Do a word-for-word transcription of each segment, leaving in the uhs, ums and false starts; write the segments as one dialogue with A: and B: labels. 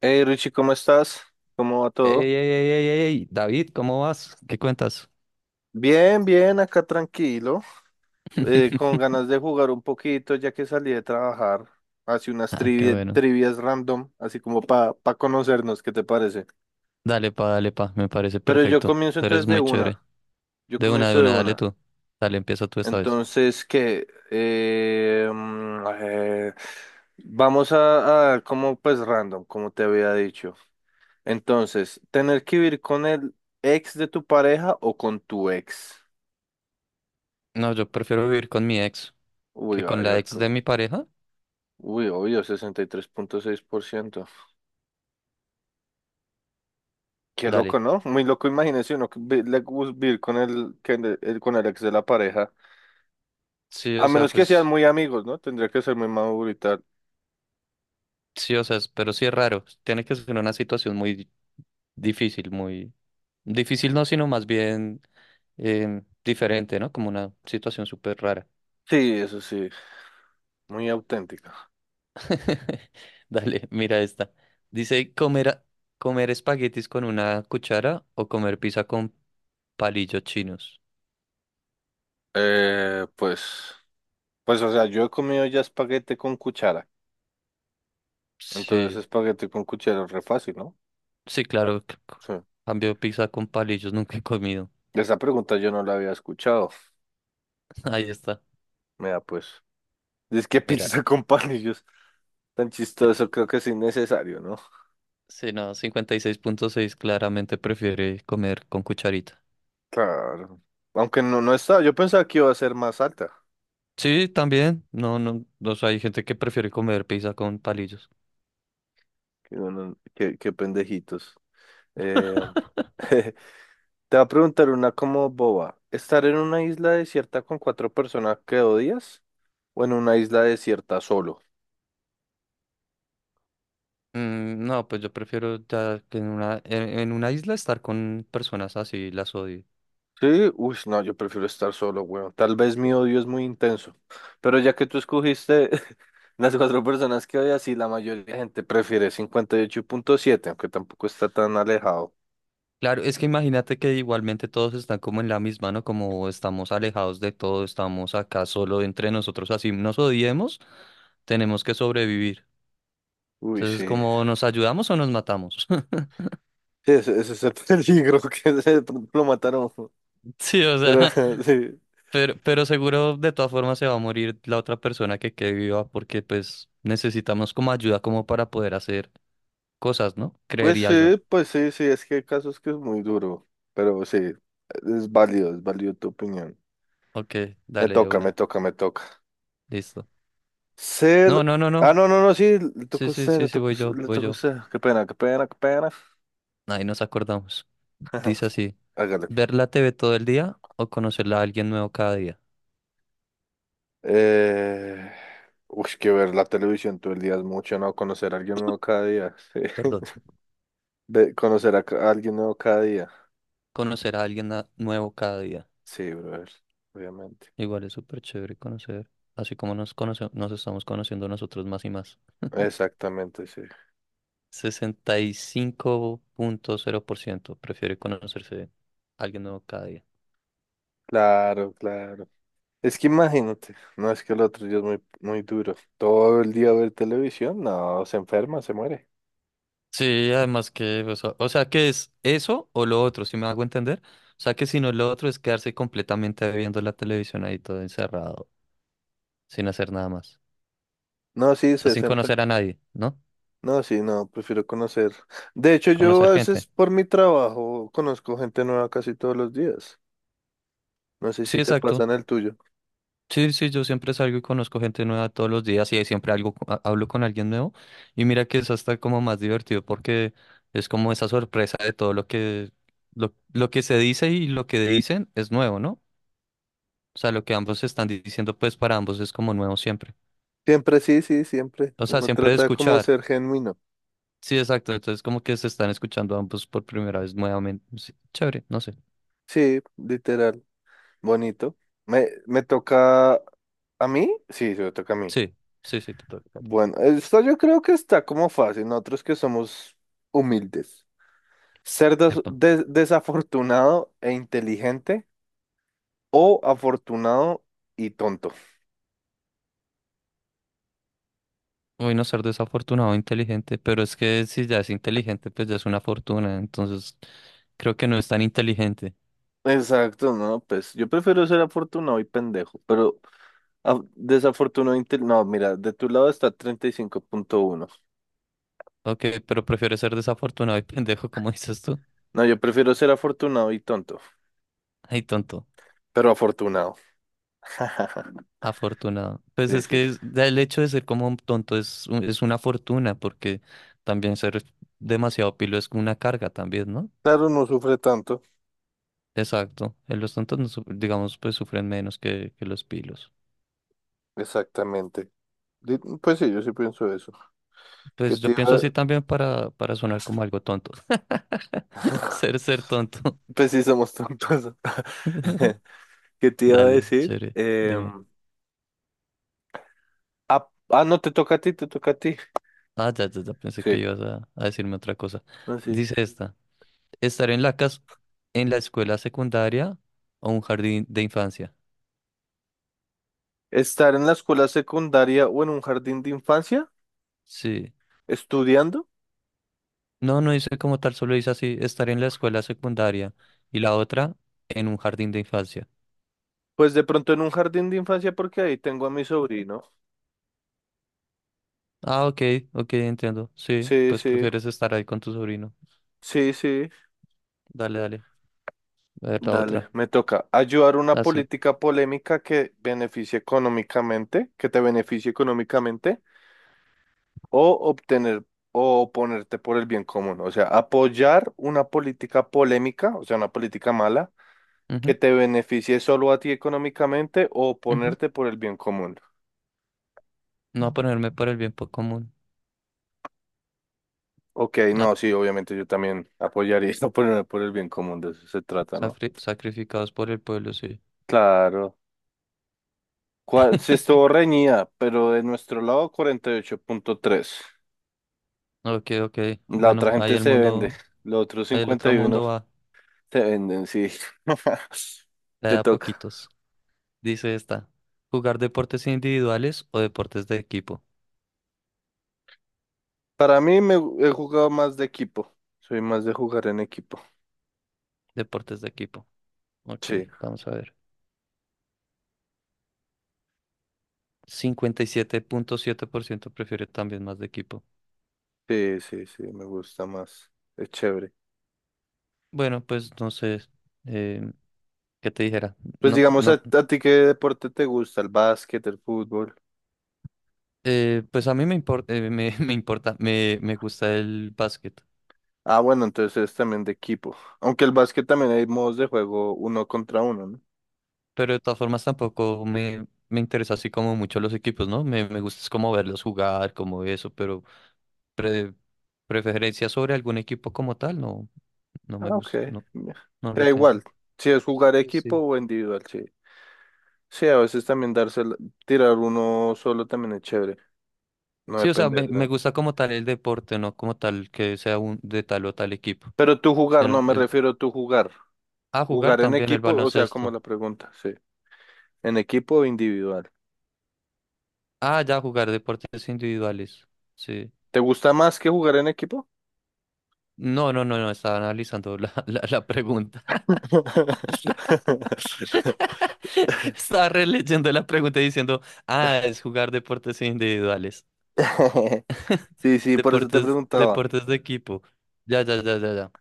A: Hey Richie, ¿cómo estás? ¿Cómo va
B: Ey, ey,
A: todo?
B: ey, ey, ey, ey, David, ¿cómo vas? ¿Qué cuentas?
A: Bien, bien, acá tranquilo, eh, con ganas de jugar un poquito ya que salí de trabajar. Hace unas
B: Ah, qué
A: trivi-
B: bueno.
A: trivias random, así como para conocernos, ¿qué te parece?
B: Dale pa, dale pa, me parece
A: Pero yo
B: perfecto.
A: comienzo
B: Tú eres
A: entonces de
B: muy chévere.
A: una, yo
B: De una, de
A: comienzo de
B: una, dale
A: una.
B: tú. Dale, empieza tú esta vez.
A: Entonces, ¿qué? Eh, mm, eh, vamos a, a, como pues random, como te había dicho. Entonces, ¿tener que vivir con el ex de tu pareja o con tu ex?
B: No, yo prefiero vivir con mi ex
A: Uy,
B: que con la ex
A: ayosco.
B: de mi pareja.
A: Uy, obvio, sesenta y tres punto seis por ciento. Qué
B: Dale.
A: loco, ¿no? Muy loco, imagínese uno que vi- le gus- vivir con el, que le- el- con el ex de la pareja.
B: Sí, o
A: A
B: sea,
A: menos que sean
B: pues,
A: muy amigos, ¿no? Tendría que ser muy maduro y tal.
B: sí, o sea, es- pero sí es raro. Tiene que ser una situación muy difícil, muy difícil no, sino más bien em, diferente, ¿no? Como una situación súper rara.
A: Sí, eso sí, muy auténtica.
B: Dale, mira esta. Dice comer, a- comer espaguetis con una cuchara o comer pizza con palillos chinos.
A: Eh, pues, pues, o sea, yo he comido ya espaguete con cuchara. Entonces,
B: Sí,
A: espaguete con cuchara es re fácil, ¿no?
B: sí, claro. c- c-
A: Sí.
B: Cambio pizza con palillos, nunca he comido.
A: Esa pregunta yo no la había escuchado.
B: Ahí está.
A: Mira, pues, dice que pizza
B: Mira.
A: con palillos. Tan
B: eh,
A: chistoso, creo que es innecesario, ¿no?
B: Sí, no, cincuenta y seis punto seis, claramente prefiere comer con cucharita.
A: Claro. Aunque no, no estaba, yo pensaba que iba a ser más alta.
B: Sí, también. No, no, no, o sea, hay gente que prefiere comer pizza con palillos.
A: Qué, bueno, qué- qué pendejitos. Eh, te va a preguntar una como boba. ¿Estar en una isla desierta con cuatro personas que odias o en una isla desierta solo?
B: Mm, no, pues yo prefiero ya que en una, en, en una isla estar con personas así, las odio.
A: Sí, uy, no, yo prefiero estar solo, weón. Tal vez mi odio es muy intenso, pero ya que tú escogiste las cuatro personas que odias, y la mayoría de gente prefiere cincuenta y ocho punto siete, aunque tampoco está tan alejado.
B: Claro, es que imagínate que igualmente todos están como en la misma, ¿no? Como estamos alejados de todo, estamos acá solo entre nosotros, así nos odiemos, tenemos que sobrevivir.
A: Uy,
B: Entonces,
A: sí.
B: como nos ayudamos o nos matamos.
A: Sí, ese, ese es el peligro que de pronto lo mataron.
B: Sí, o
A: Pero
B: sea,
A: sí,
B: pero, pero seguro de todas formas se va a morir la otra persona que quede viva porque pues necesitamos como ayuda como para poder hacer cosas, ¿no?
A: pues
B: Creería yo.
A: sí, pues sí, sí, es que hay casos que es muy duro. Pero sí, es válido, es válido tu opinión.
B: Ok,
A: Me
B: dale de
A: toca, me
B: una.
A: toca, me toca.
B: Listo.
A: Ser.
B: No, no, no,
A: Ah,
B: no.
A: no, no, no, sí, le
B: Sí,
A: tocó a
B: sí,
A: usted,
B: sí,
A: le
B: sí,
A: tocó a
B: voy
A: us-
B: yo,
A: le
B: voy
A: tocó a
B: yo.
A: usted. Qué pena, qué pena, qué pena.
B: Ahí nos acordamos. Dice así.
A: Hágale.
B: ¿Ver la T V todo el día o conocerla a alguien nuevo cada día?
A: Eh... Uy, que ver la televisión todo el día es mucho, ¿no? Conocer a alguien nuevo cada día. Sí.
B: Perdón.
A: Ve- conocer a, ca- a alguien nuevo cada día.
B: Conocer a alguien na- nuevo cada día.
A: Sí, brother, obviamente.
B: Igual es súper chévere conocer, así como nos conoce- nos estamos conociendo nosotros más y más.
A: Exactamente, sí.
B: Sesenta y cinco punto cero por ciento prefiere conocerse a alguien nuevo cada día.
A: Claro, claro. Es que imagínate, no es que el otro día es muy, muy duro. Todo el día ver televisión, no, se enferma, se muere.
B: Sí, además que, o sea, o sea, que es eso o lo otro, si me hago entender. O sea, que si no, lo otro es quedarse completamente viendo la televisión ahí todo encerrado, sin hacer nada más.
A: No, sí,
B: O sea,
A: se,
B: sin
A: se enferma.
B: conocer a nadie, ¿no?
A: No, sí, no, prefiero conocer. De hecho, yo
B: Conocer
A: a veces
B: gente.
A: por mi trabajo conozco gente nueva casi todos los días. No sé
B: Sí,
A: si te pasa
B: exacto.
A: en el tuyo.
B: Sí, sí, yo siempre salgo y conozco gente nueva todos los días y ahí siempre algo, co- ha- hablo con alguien nuevo. Y mira que es hasta como más divertido porque es como esa sorpresa de todo lo que, lo, lo que se dice y lo que dicen es nuevo, ¿no? O sea, lo que ambos están di- diciendo, pues para ambos es como nuevo siempre.
A: Siempre, sí, sí, siempre.
B: O sea,
A: Uno
B: siempre de
A: trata como
B: escuchar.
A: ser genuino.
B: Sí, exacto. Entonces como que se están escuchando ambos por primera vez nuevamente. Sí, chévere, no sé.
A: Sí, literal, bonito. Me, me toca a mí, sí, se me toca a mí.
B: Sí, sí, sí, total. Total.
A: Bueno, esto yo creo que está como fácil, nosotros que somos humildes. Ser des-
B: Epa.
A: de- desafortunado e inteligente o afortunado y tonto.
B: Uy, no ser desafortunado, inteligente, pero es que si ya es inteligente, pues ya es una fortuna, entonces creo que no es tan inteligente.
A: Exacto, no, pues yo prefiero ser afortunado y pendejo, pero af- desafortunado e inte- No, mira, de tu lado está treinta y cinco punto uno.
B: Ok, pero prefiero ser desafortunado y pendejo, como dices tú.
A: No, yo prefiero ser afortunado y tonto,
B: Ay, tonto,
A: pero afortunado.
B: afortunado. Pues
A: Sí,
B: es
A: sí, sí.
B: que es- ya el hecho de ser como un tonto es, un- es una fortuna, porque también ser demasiado pilo es una carga también, ¿no?
A: Claro, no sufre tanto.
B: Exacto, eh, los tontos, no su- digamos, pues sufren menos que, que los pilos.
A: Exactamente. Di- Pues sí, yo sí pienso eso. que
B: Pues
A: te
B: yo pienso así
A: iba...
B: también para, para sonar como algo tonto. Ser, ser tonto.
A: Pues sí, somos tontos. ¿Qué te iba a
B: Dale,
A: decir?
B: chévere, dime.
A: Em, ah, ah, no, te toca a ti, te toca a ti.
B: Ah, ya, ya, ya, pensé que
A: Sí,
B: ibas a, a decirme otra cosa.
A: no, sí.
B: Dice esta, estar en la casa, en la escuela secundaria o un jardín de infancia.
A: Estar en la escuela secundaria o en un jardín de infancia,
B: Sí.
A: estudiando.
B: No, no dice como tal, solo dice así, estar en la escuela secundaria y la otra en un jardín de infancia.
A: Pues de pronto en un jardín de infancia porque ahí tengo a mi sobrino.
B: Ah, ok, ok, entiendo. Sí,
A: Sí,
B: pues
A: sí,
B: prefieres estar ahí con tu sobrino.
A: sí, sí.
B: Dale, dale. A ver la otra.
A: Dale, me toca. Ayudar una
B: Ah, sí.
A: política polémica que beneficie económicamente, que te beneficie económicamente. O obtener o oponerte por el bien común, o sea, apoyar una política polémica, o sea, una política mala, que
B: Ujú,
A: te beneficie solo a ti económicamente o
B: ujú.
A: oponerte por el bien común.
B: No ponerme por el bien po- común.
A: Ok, no,
B: Ah,
A: sí, obviamente yo también apoyaría ponerme por el bien común, de eso se trata, ¿no?
B: safri- sacrificados por el pueblo, sí.
A: Claro. ¿Cuál? Se estuvo reñida, pero de nuestro lado cuarenta y ocho punto tres.
B: Ok, ok.
A: La
B: Bueno,
A: otra
B: ahí
A: gente
B: el
A: se vende,
B: mundo,
A: los otros
B: ahí el
A: cincuenta
B: otro
A: y uno
B: mundo va,
A: se venden, sí.
B: la de
A: Te
B: a
A: toca.
B: poquitos. Dice esta, jugar deportes individuales o deportes de equipo.
A: Para mí me he jugado más de equipo. Soy más de jugar en equipo.
B: Deportes de equipo. Ok,
A: Sí,
B: vamos a ver. Cincuenta y siete siete punto siete por ciento prefiere también más de equipo.
A: sí, sí, sí, me gusta más. Es chévere.
B: Bueno, pues no sé, eh, ¿qué te dijera?
A: Pues
B: No,
A: digamos, ¿a,
B: no,
A: a ti qué deporte te gusta? ¿El básquet, el fútbol?
B: eh, pues a mí me importa, me, me importa, me, me gusta el básquet,
A: Ah, bueno, entonces eres también de equipo. Aunque el básquet también hay modos de juego uno contra uno, ¿no?
B: pero de todas formas tampoco me, me interesa así como mucho los equipos, ¿no? Me, me gusta es como verlos jugar, como eso, pero pre- preferencia sobre algún equipo como tal, no, no me
A: Ah, ok.
B: gusta, no,
A: Ya.
B: no le
A: Da
B: tengo.
A: igual, si es jugar
B: Sí,
A: equipo
B: sí.
A: o individual, sí. Sí, a veces también darse, el- tirar uno solo también es chévere. No
B: Sí, o sea,
A: depende,
B: me, me
A: ¿no?
B: gusta como tal el deporte, no como tal que sea un de tal o tal equipo.
A: Pero tú jugar,
B: Sino
A: no
B: el,
A: me
B: el-
A: refiero a tú jugar.
B: ah, jugar
A: Jugar en
B: también el
A: equipo, o sea, como
B: baloncesto.
A: la pregunta, sí. ¿En equipo o individual?
B: Ah, ya jugar deportes individuales. Sí.
A: ¿Te gusta más que jugar en equipo?
B: No, no, no, no, estaba analizando la, la, la pregunta. Estaba releyendo la pregunta y diciendo, ah, es jugar deportes individuales.
A: Sí, sí, por eso te
B: Deportes,
A: preguntaba.
B: deportes de equipo. Ya, ya, ya, ya, ya.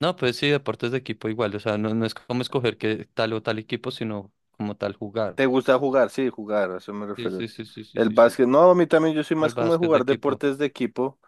B: No, pues sí, deportes de equipo igual, o sea, no, no es como escoger que tal o tal equipo, sino como tal jugar.
A: ¿Te gusta jugar? Sí, jugar, a eso me
B: Sí,
A: refiero.
B: sí, sí, sí, sí,
A: El
B: sí, sí.
A: básquet, no, a mí también yo soy
B: El
A: más como de
B: básquet de
A: jugar
B: equipo,
A: deportes de equipo,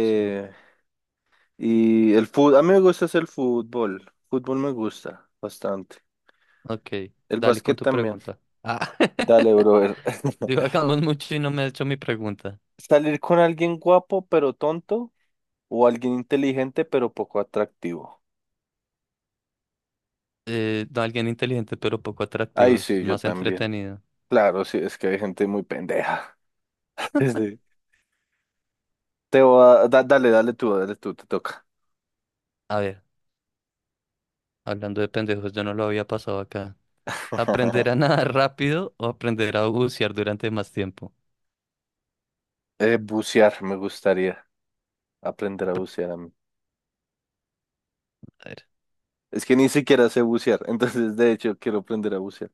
B: sí.
A: y el fútbol, a mí me gusta es el fútbol. Fútbol me gusta bastante.
B: Ok,
A: El
B: dale con
A: básquet
B: tu
A: también.
B: pregunta. Ah,
A: Dale, brother.
B: divagamos mucho y no me ha hecho mi pregunta.
A: Salir con alguien guapo pero tonto o alguien inteligente pero poco atractivo.
B: Eh, no, alguien inteligente pero poco atractivo,
A: Ay,
B: es
A: sí, yo
B: más
A: también.
B: entretenido.
A: Claro, sí, es que hay gente muy pendeja. Sí. Te voy a- da- dale, dale tú, dale tú, te toca.
B: A ver, hablando de pendejos, yo no lo había pasado acá. ¿Aprender a nadar rápido o aprender a bucear durante más tiempo?
A: Eh, bucear, me gustaría aprender a bucear a mí.
B: A ver,
A: Es que ni siquiera sé bucear, entonces de hecho quiero aprender a bucear.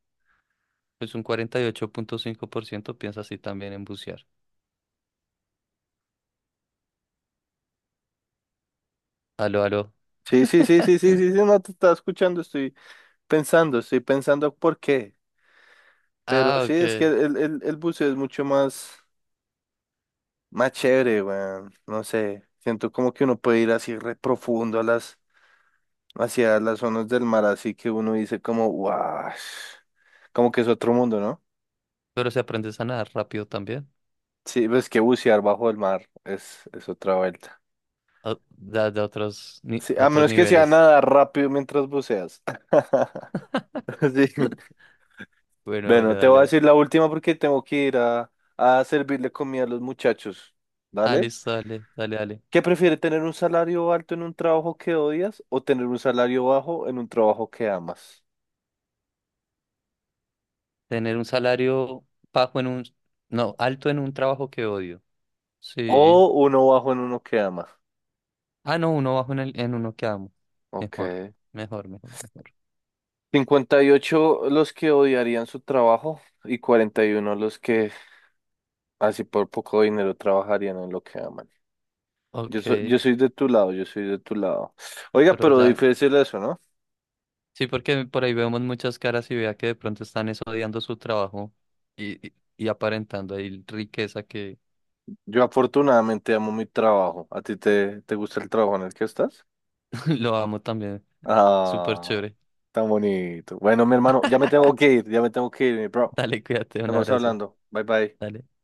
B: pues un cuarenta y ocho punto cinco por ciento piensa así también en bucear. Aló, aló.
A: Sí, sí, sí, sí, sí, sí, sí, no te estaba escuchando, estoy pensando, estoy pensando por qué. Pero
B: Ah,
A: sí,
B: ok.
A: es que el, el, el buceo es mucho más, más chévere, weón. No sé, siento como que uno puede ir así re profundo a las hacia las zonas del mar, así que uno dice como, wow, como que es otro mundo, ¿no?
B: Pero se aprende a nadar rápido también.
A: Sí, ves que bucear bajo el mar es, es otra vuelta.
B: O- Da, da otros, ni-
A: Sí, a
B: otros
A: menos que sea
B: niveles.
A: nadar rápido mientras buceas. Sí.
B: Bueno,
A: Bueno,
B: bueno,
A: te voy a
B: dale.
A: decir la última porque tengo que ir a, a servirle comida a los muchachos.
B: Ah,
A: ¿Dale?
B: listo, dale, dale, dale.
A: ¿Qué prefiere tener un salario alto en un trabajo que odias o tener un salario bajo en un trabajo que amas?
B: Tener un salario bajo en un... No, alto en un trabajo que odio.
A: O
B: Sí.
A: uno bajo en uno que amas.
B: Ah, no, uno bajo en, el, en uno que amo.
A: Ok,
B: Mejor, mejor, mejor, mejor.
A: cincuenta y ocho los que odiarían su trabajo y cuarenta y uno los que así por poco dinero trabajarían en lo que aman. Yo,
B: Ok,
A: so- yo soy de tu lado, yo soy de tu lado. Oiga,
B: pero
A: pero
B: ya...
A: difícil eso, ¿no?
B: Sí, porque por ahí vemos muchas caras y vea que de pronto están es odiando su trabajo y, y, y aparentando ahí riqueza que
A: Yo afortunadamente amo mi trabajo. ¿A ti te, te gusta el trabajo en el que estás?
B: lo amo también. Súper
A: Ah,
B: chévere.
A: tan bonito. Bueno, mi hermano, ya me tengo que ir, ya me tengo que ir, mi bro.
B: Dale, cuídate, un
A: Estamos
B: abrazo.
A: hablando. Bye bye.
B: Dale.